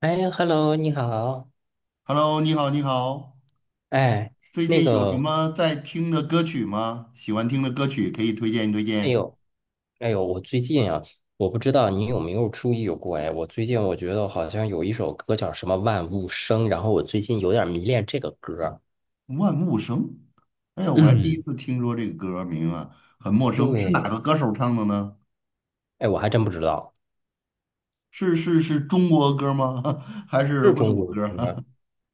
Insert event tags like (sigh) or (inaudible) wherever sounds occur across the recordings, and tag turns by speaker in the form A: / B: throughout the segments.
A: 哎，Hello，你好。
B: Hello，你好，你好，
A: 哎，
B: 最
A: 那
B: 近有什
A: 个，
B: 么在听的歌曲吗？喜欢听的歌曲可以推荐推
A: 哎
B: 荐。
A: 呦，哎呦，我最近啊，我不知道你有没有注意过，哎，我最近我觉得好像有一首歌叫什么《万物生》，然后我最近有点迷恋这个歌儿。
B: 万物生，哎呀，我还第一
A: 嗯，
B: 次听说这个歌名啊，很陌生，是哪
A: 对，
B: 个歌手唱的呢？
A: 哎，我还真不知道，
B: 是中国歌吗？(laughs) 还是
A: 是
B: 外
A: 中
B: 国
A: 国歌。
B: 歌？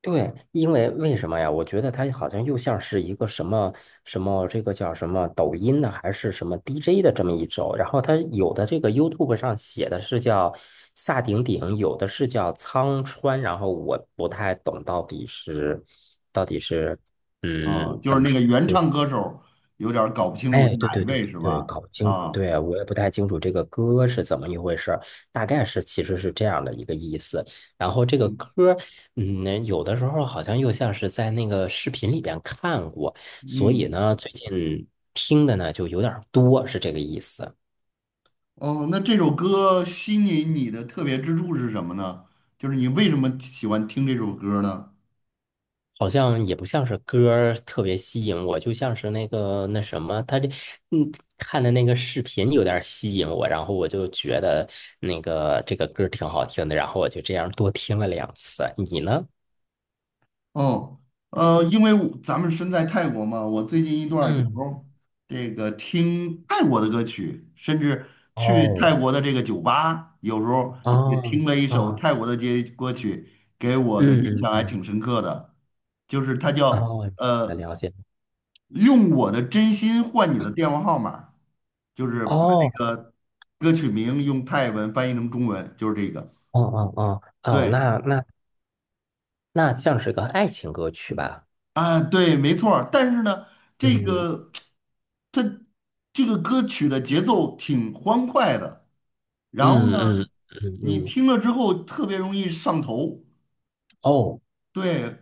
A: 对，因为为什么呀？我觉得它好像又像是一个什么什么，这个叫什么抖音的，还是什么 DJ 的这么一种。然后它有的这个 YouTube 上写的是叫萨顶顶，有的是叫苍川。然后我不太懂到底是，
B: (laughs) 啊，
A: 嗯，
B: 就
A: 怎
B: 是
A: 么
B: 那
A: 说？
B: 个原唱歌手，有点儿搞不清楚是
A: 哎，对
B: 哪一
A: 对对
B: 位是
A: 对对，
B: 吧？
A: 搞不清楚。
B: 啊，
A: 对啊，我也不太清楚这个歌是怎么一回事儿，大概是其实是这样的一个意思。然后这个
B: 嗯
A: 歌，有的时候好像又像是在那个视频里边看过，所以
B: 嗯，
A: 呢，最近听的呢就有点儿多，是这个意思。
B: 哦，那这首歌吸引你的特别之处是什么呢？就是你为什么喜欢听这首歌呢？
A: 好像也不像是歌儿特别吸引我，就像是那个那什么，他这嗯看的那个视频有点儿吸引我，然后我就觉得那个这个歌儿挺好听的，然后我就这样多听了两次。你呢？
B: 哦，因为我咱们身在泰国嘛，我最近一段儿有时
A: 嗯，
B: 候这个听泰国的歌曲，甚至去泰
A: 哦，
B: 国的这个酒吧，有时候也听
A: 哦，
B: 了一首
A: 啊，
B: 泰国的街歌曲，给我的
A: 嗯
B: 印
A: 嗯
B: 象还挺
A: 嗯，
B: 深刻的，就是它叫
A: 哦，那了解。
B: 用我的真心换你的电话
A: (clears throat)
B: 号码，就是把这
A: 哦，
B: 个歌曲名用泰文翻译成中文，就是这个，
A: 哦哦哦哦，
B: 对。
A: 那像是个爱情歌曲吧？
B: 啊，对，没错儿。但是呢，这
A: 嗯
B: 个它这个歌曲的节奏挺欢快的，然后
A: 嗯
B: 呢，
A: 嗯嗯
B: 你
A: 嗯，
B: 听了之后特别容易上头，
A: 哦
B: 对，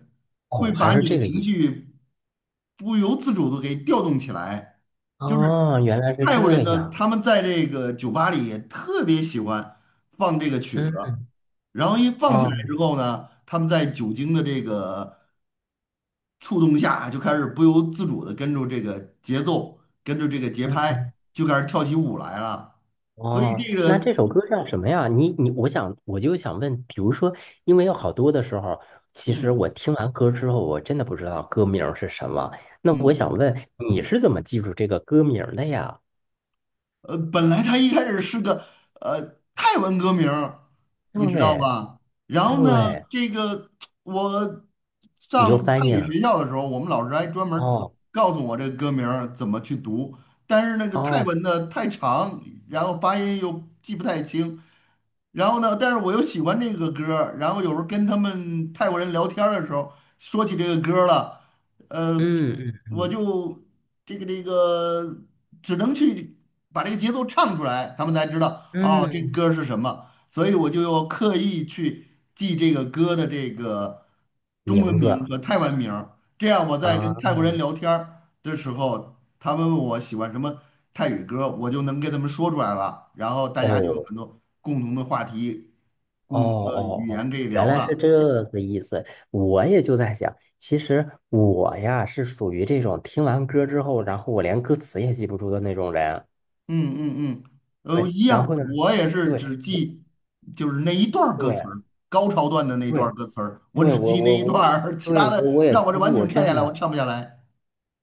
B: 会
A: 哦，还
B: 把
A: 是
B: 你的
A: 这个
B: 情
A: 意思。
B: 绪不由自主的给调动起来。就是
A: 哦，原来是
B: 泰国
A: 这
B: 人呢，
A: 样。
B: 他们在这个酒吧里也特别喜欢放这个曲子，
A: 嗯，
B: 然后一放起来
A: 哦，
B: 之后呢，他们在酒精的这个触动下啊，就开始不由自主的跟着这个节奏，跟着这个节
A: 嗯嗯，
B: 拍，就开始跳起舞来了。所以
A: 哦，
B: 这
A: 那
B: 个，
A: 这首歌叫什么呀？你，我就想问，比如说，因为有好多的时候，其实
B: 嗯
A: 我听完歌之后，我真的不知道歌名儿是什么。那我
B: 嗯，
A: 想问，你是怎么记住这个歌名儿的呀？
B: 本来他一开始是个呃泰文歌名儿你知道
A: 对
B: 吧？然后呢，
A: 对，
B: 这个我
A: 你就
B: 上
A: 翻
B: 泰
A: 译
B: 语
A: 了。
B: 学校的时候，我们老师还专门儿
A: 哦
B: 告诉我这个歌名儿怎么去读，但是那个泰
A: 哦，
B: 文呢太长，然后发音又记不太清。然后呢，但是我又喜欢这个歌儿然后有时候跟他们泰国人聊天儿的时候说起这个歌儿了。呃，
A: 嗯嗯
B: 我
A: 嗯
B: 就这个只能去把这个节奏唱出来，他们才知道哦，这
A: 嗯，
B: 歌儿是什么。所以我就要刻意去记这个歌的这个中文
A: 名
B: 名
A: 字
B: 和泰文名儿这样我在
A: 啊，
B: 跟泰国人聊天儿的时候，他们问我喜欢什么泰语歌，我就能跟他们说出来了，然后大家就有
A: 哦。
B: 很多共同的话题、
A: 哦
B: 共同的
A: 哦
B: 语
A: 哦，
B: 言可以
A: 原
B: 聊
A: 来是这
B: 了。
A: 个意思。我也就在想，其实我呀是属于这种听完歌之后，然后我连歌词也记不住的那种人。
B: 嗯嗯嗯，
A: 对，
B: 一
A: 然后
B: 样，
A: 呢，
B: 我也是
A: 对，
B: 只
A: 我
B: 记就是那一段儿歌词
A: 对
B: 儿，高潮段的那一段
A: 对
B: 儿歌词儿，
A: 因
B: 我
A: 为
B: 只
A: 我
B: 记那
A: 我
B: 一
A: 我
B: 段
A: 我，
B: 儿，(laughs) 其
A: 对
B: 他的
A: 我也
B: 让我
A: 记
B: 这
A: 不
B: 完
A: 住，
B: 整唱
A: 真
B: 下来，我
A: 的。
B: 唱不下来。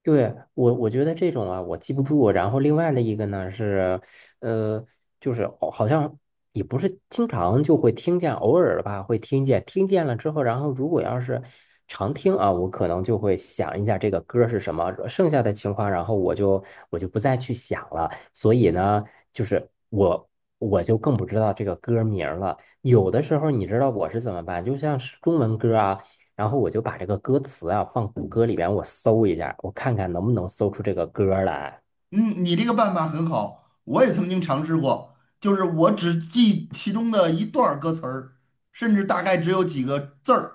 A: 对，我觉得这种啊，我记不住。然后另外的一个呢是，呃，就是好像也不是经常就会听见，偶尔吧会听见。听见了之后，然后如果要是常听啊，我可能就会想一下这个歌是什么。剩下的情况，然后我就不再去想了。所以呢，就是我就更不知道这个歌名儿了。有的时候你知道我是怎么办？就像是中文歌啊。然后我就把这个歌词啊放谷歌里边，我搜一下，我看看能不能搜出这个歌儿来。
B: 嗯，你这个办法很好，我也曾经尝试过，就是我只记其中的一段儿歌词儿，甚至大概只有几个字儿。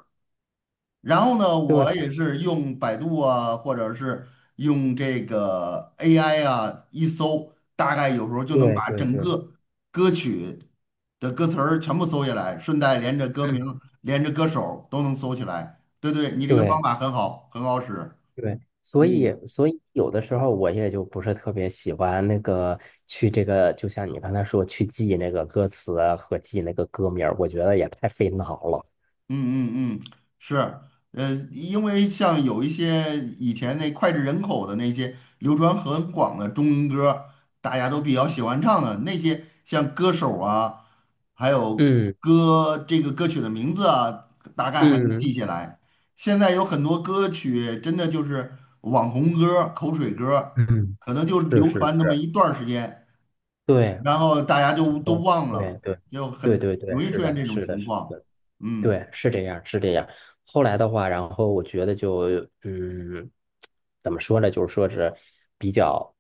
B: 然后呢，我也
A: 对
B: 是用百度啊，或者是用这个 AI 啊，一搜，大概有时候就能
A: 对
B: 把
A: 对
B: 整
A: 对
B: 个歌曲的歌词儿全部搜下来，顺带连着歌名、
A: 嗯
B: 连着歌手都能搜起来。对对，你这个方
A: 对
B: 法很好，很好使。
A: 对，所以
B: 嗯
A: 所以有的时候我也就不是特别喜欢那个去这个，就像你刚才说去记那个歌词啊和记那个歌名儿我觉得也太费脑了。
B: 嗯嗯嗯，是，因为像有一些以前那脍炙人口的那些流传很广的中文歌，大家都比较喜欢唱的那些，像歌手啊，还有
A: 嗯
B: 歌这个歌曲的名字啊，大概还能
A: 嗯
B: 记下来。现在有很多歌曲真的就是网红歌、口水歌，
A: 嗯，
B: 可能就
A: 是
B: 流
A: 是
B: 传那么
A: 是，
B: 一段儿时间，
A: 对，
B: 然后大家就都
A: 哦，
B: 忘
A: 对
B: 了，
A: 对
B: 就
A: 对
B: 很
A: 对对，
B: 容易
A: 是
B: 出现
A: 的，
B: 这种
A: 是的，
B: 情
A: 是
B: 况。
A: 的。
B: 嗯。
A: 对，是这样，是这样。后来的话，然后我觉得就，嗯，怎么说呢？就是说是比较，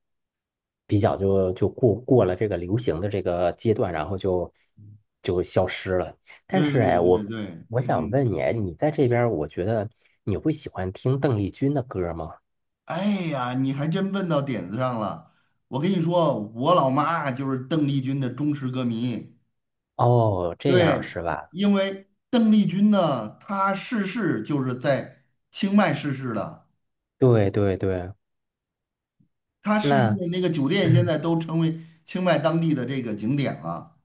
A: 比较就过了这个流行的这个阶段，然后就消失了。但
B: 对
A: 是哎，
B: 对对
A: 我
B: 对，
A: 我想
B: 嗯，
A: 问你，哎你在这边儿我觉得你会喜欢听邓丽君的歌吗？
B: 哎呀，你还真问到点子上了。我跟你说，我老妈就是邓丽君的忠实歌迷。
A: 哦，这样
B: 对，
A: 是吧？
B: 因为邓丽君呢，她逝世就是在清迈逝世的，
A: 对对对，
B: 她逝世
A: 那
B: 的那个酒店现
A: 嗯
B: 在都成为清迈当地的这个景点了。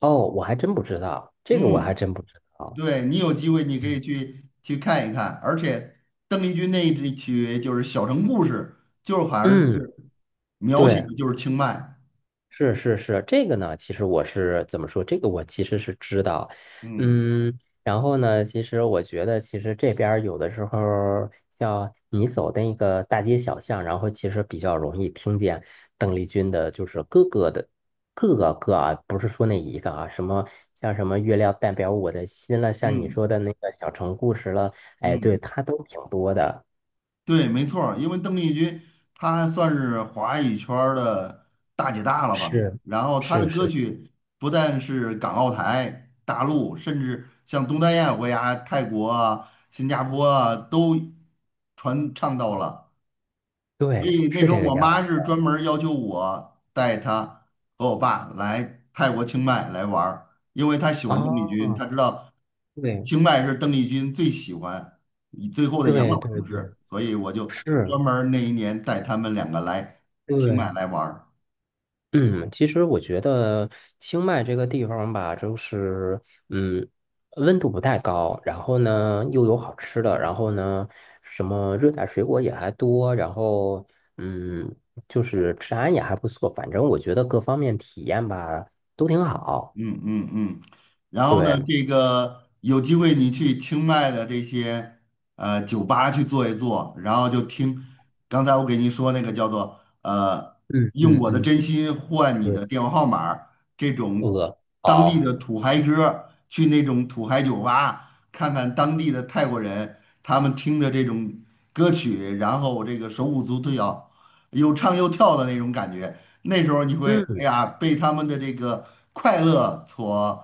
A: 哦，我还真不知道，这个我还
B: 嗯，
A: 真不知道。
B: 对，你有机会你可以去去看一看，而且邓丽君那一支曲就是《小城故事》，就是好像是
A: 嗯，
B: 描写
A: 对。
B: 的就是清迈。
A: 是是是，这个呢，其实我是怎么说？这个我其实是知道，
B: 嗯
A: 嗯，然后呢，其实我觉得，其实这边儿有的时候儿像你走的那个大街小巷，然后其实比较容易听见邓丽君的，就是各个的各个歌啊，不是说那一个啊，什么像什么月亮代表我的心了，像你
B: 嗯
A: 说的那个小城故事了，哎，对，
B: 嗯，
A: 它都挺多的。
B: 对，没错儿因为邓丽君她算是华语圈儿的大姐大了吧，
A: 是
B: 然后她的
A: 是
B: 歌
A: 是，
B: 曲不但是港澳台、大陆，甚至像东南亚国家、泰国啊、新加坡啊，都传唱到了。所
A: 对，
B: 以那
A: 是
B: 时候
A: 这个
B: 我
A: 样
B: 妈是
A: 子。
B: 专门要求我带她和我爸来泰国清迈来玩儿，因为她喜欢邓丽君，
A: 哦，
B: 她知道
A: 对
B: 清迈是邓丽君最喜欢以最后的养
A: 对
B: 老
A: 对
B: 城
A: 对。
B: 市，所以我就专
A: 是，
B: 门儿那一年带他们两个来清迈
A: 对，
B: 来玩儿。
A: 嗯，其实我觉得清迈这个地方吧，就是嗯，温度不太高，然后呢又有好吃的，然后呢什么热带水果也还多，然后嗯，就是治安也还不错，反正我觉得各方面体验吧都挺好。
B: 嗯嗯嗯，然后呢，
A: 对，
B: 这个有机会你去清迈的这些酒吧去坐一坐，然后就听刚才我给您说那个叫做
A: 嗯
B: 用
A: 嗯
B: 我的
A: 嗯，
B: 真心换你
A: 对，
B: 的电话号码儿这种当地的
A: 好，
B: 土嗨歌儿去那种土嗨酒吧看看当地的泰国人，他们听着这种歌曲，然后这个手舞足蹈，又唱又跳的那种感觉。那时候你会，哎
A: 嗯
B: 呀，被他们的这个快乐所，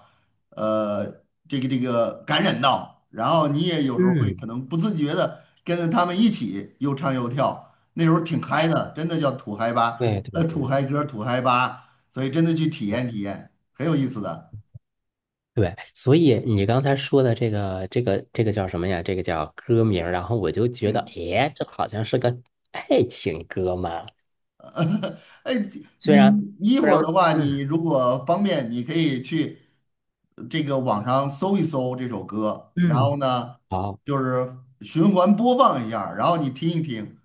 B: 呃，这个感染到，然后你也有时候会
A: 嗯，
B: 可能不自觉的跟着他们一起又唱又跳，那时候挺嗨的，真的叫土嗨吧，
A: 对对
B: 土
A: 对。
B: 嗨歌，土嗨吧，所以真的去体验体验，很有意思的，
A: 对，所以你刚才说的这个叫什么呀？这个叫歌名儿然后我就觉得，
B: 嗯。
A: 诶，这好像是个爱情歌嘛。
B: (laughs) 哎，你你一
A: 虽
B: 会
A: 然，
B: 儿的话，你
A: 嗯
B: 如果方便，你可以去这个网上搜一搜这首歌，然后
A: 嗯，
B: 呢，
A: 好，
B: 就是循环播放一下儿然后你听一听，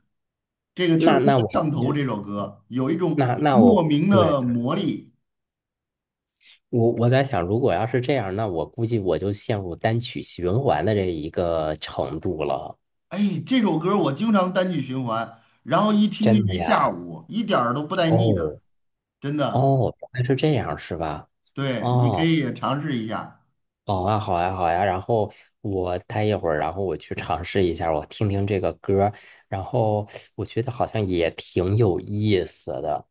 B: 这个确
A: 那
B: 实
A: 那我
B: 很上
A: 估
B: 头。这
A: 计
B: 首歌有一种
A: 那
B: 莫
A: 我
B: 名
A: 对
B: 的
A: 对，
B: 魔力。
A: 我在想，如果要是这样，那我估计我就陷入单曲循环的这一个程度了。
B: 哎，这首歌我经常单曲循环，然后一听就
A: 真的
B: 一下
A: 呀？
B: 午，一点儿都不带腻的，
A: 哦
B: 真的。
A: 哦，原来是这样，是吧？
B: 对，你可
A: 哦。
B: 以尝试一下。
A: 好啊，好呀，好呀。然后我待一会儿，然后我去尝试一下，我听听这个歌儿，然后我觉得好像也挺有意思的。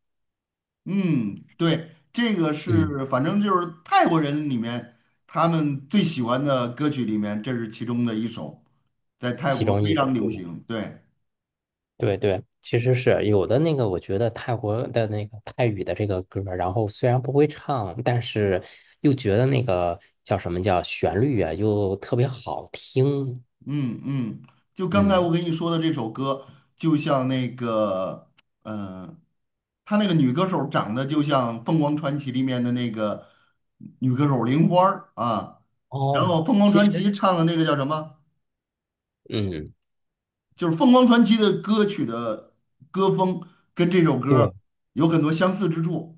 B: 嗯，对，这个
A: 嗯，
B: 是反正就是泰国人里面他们最喜欢的歌曲里面，这是其中的一首，在泰嗯
A: 其
B: 国
A: 中
B: 非
A: 一
B: 常
A: 首，
B: 流
A: 对
B: 行。对，
A: 对对，其实是有的那个，我觉得泰国的那个泰语的这个歌儿，然后虽然不会唱，但是又觉得那个叫什么叫旋律啊，又特别好听。
B: 嗯嗯，就刚才我
A: 嗯，
B: 跟你说的这首歌，就像那个，呃，他那个女歌手长得就像《凤凰传奇》里面的那个女歌手玲花儿啊，然后
A: 哦，
B: 《凤凰
A: 其
B: 传奇》
A: 实，
B: 唱的那个叫什么？
A: 嗯，
B: 就是凤凰传奇的歌曲的歌风跟这首歌
A: 对，
B: 有很多相似之处。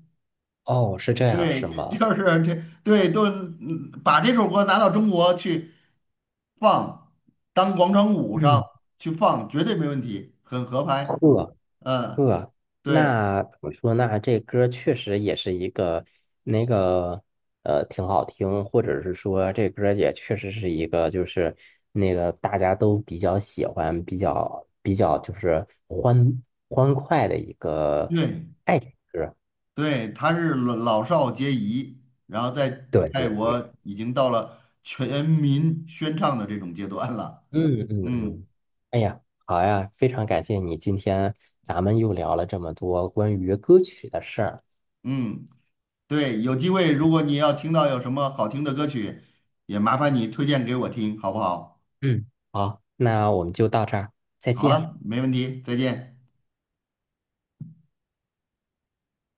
A: 哦，是这样，
B: 对，
A: 是
B: (laughs) 就
A: 吗？
B: 是这，对，都嗯把这首歌拿到中国去放，当广场舞上
A: 嗯。
B: 去放，绝对没问题，很合拍。
A: 呵
B: 嗯，
A: 呵，
B: 对，
A: 那怎么说呢？这歌确实也是一个那个挺好听，或者是说这歌也确实是一个，就是那个大家都比较喜欢、比较就是欢快的一个
B: 对，
A: 爱情歌。
B: 对，他是老老少皆宜，然后在
A: 对
B: 泰
A: 对对，
B: 国已经到了全民宣唱的这种阶段了。
A: 嗯嗯
B: 嗯
A: 嗯，哎呀，好呀，非常感谢你，今天咱们又聊了这么多关于歌曲的事儿。
B: 嗯。对，有机会如果你要听到有什么好听的歌曲，也麻烦你推荐给我听，好不好？
A: 嗯，好，那我们就到这儿，再
B: 好
A: 见。
B: 了，没问题，再见。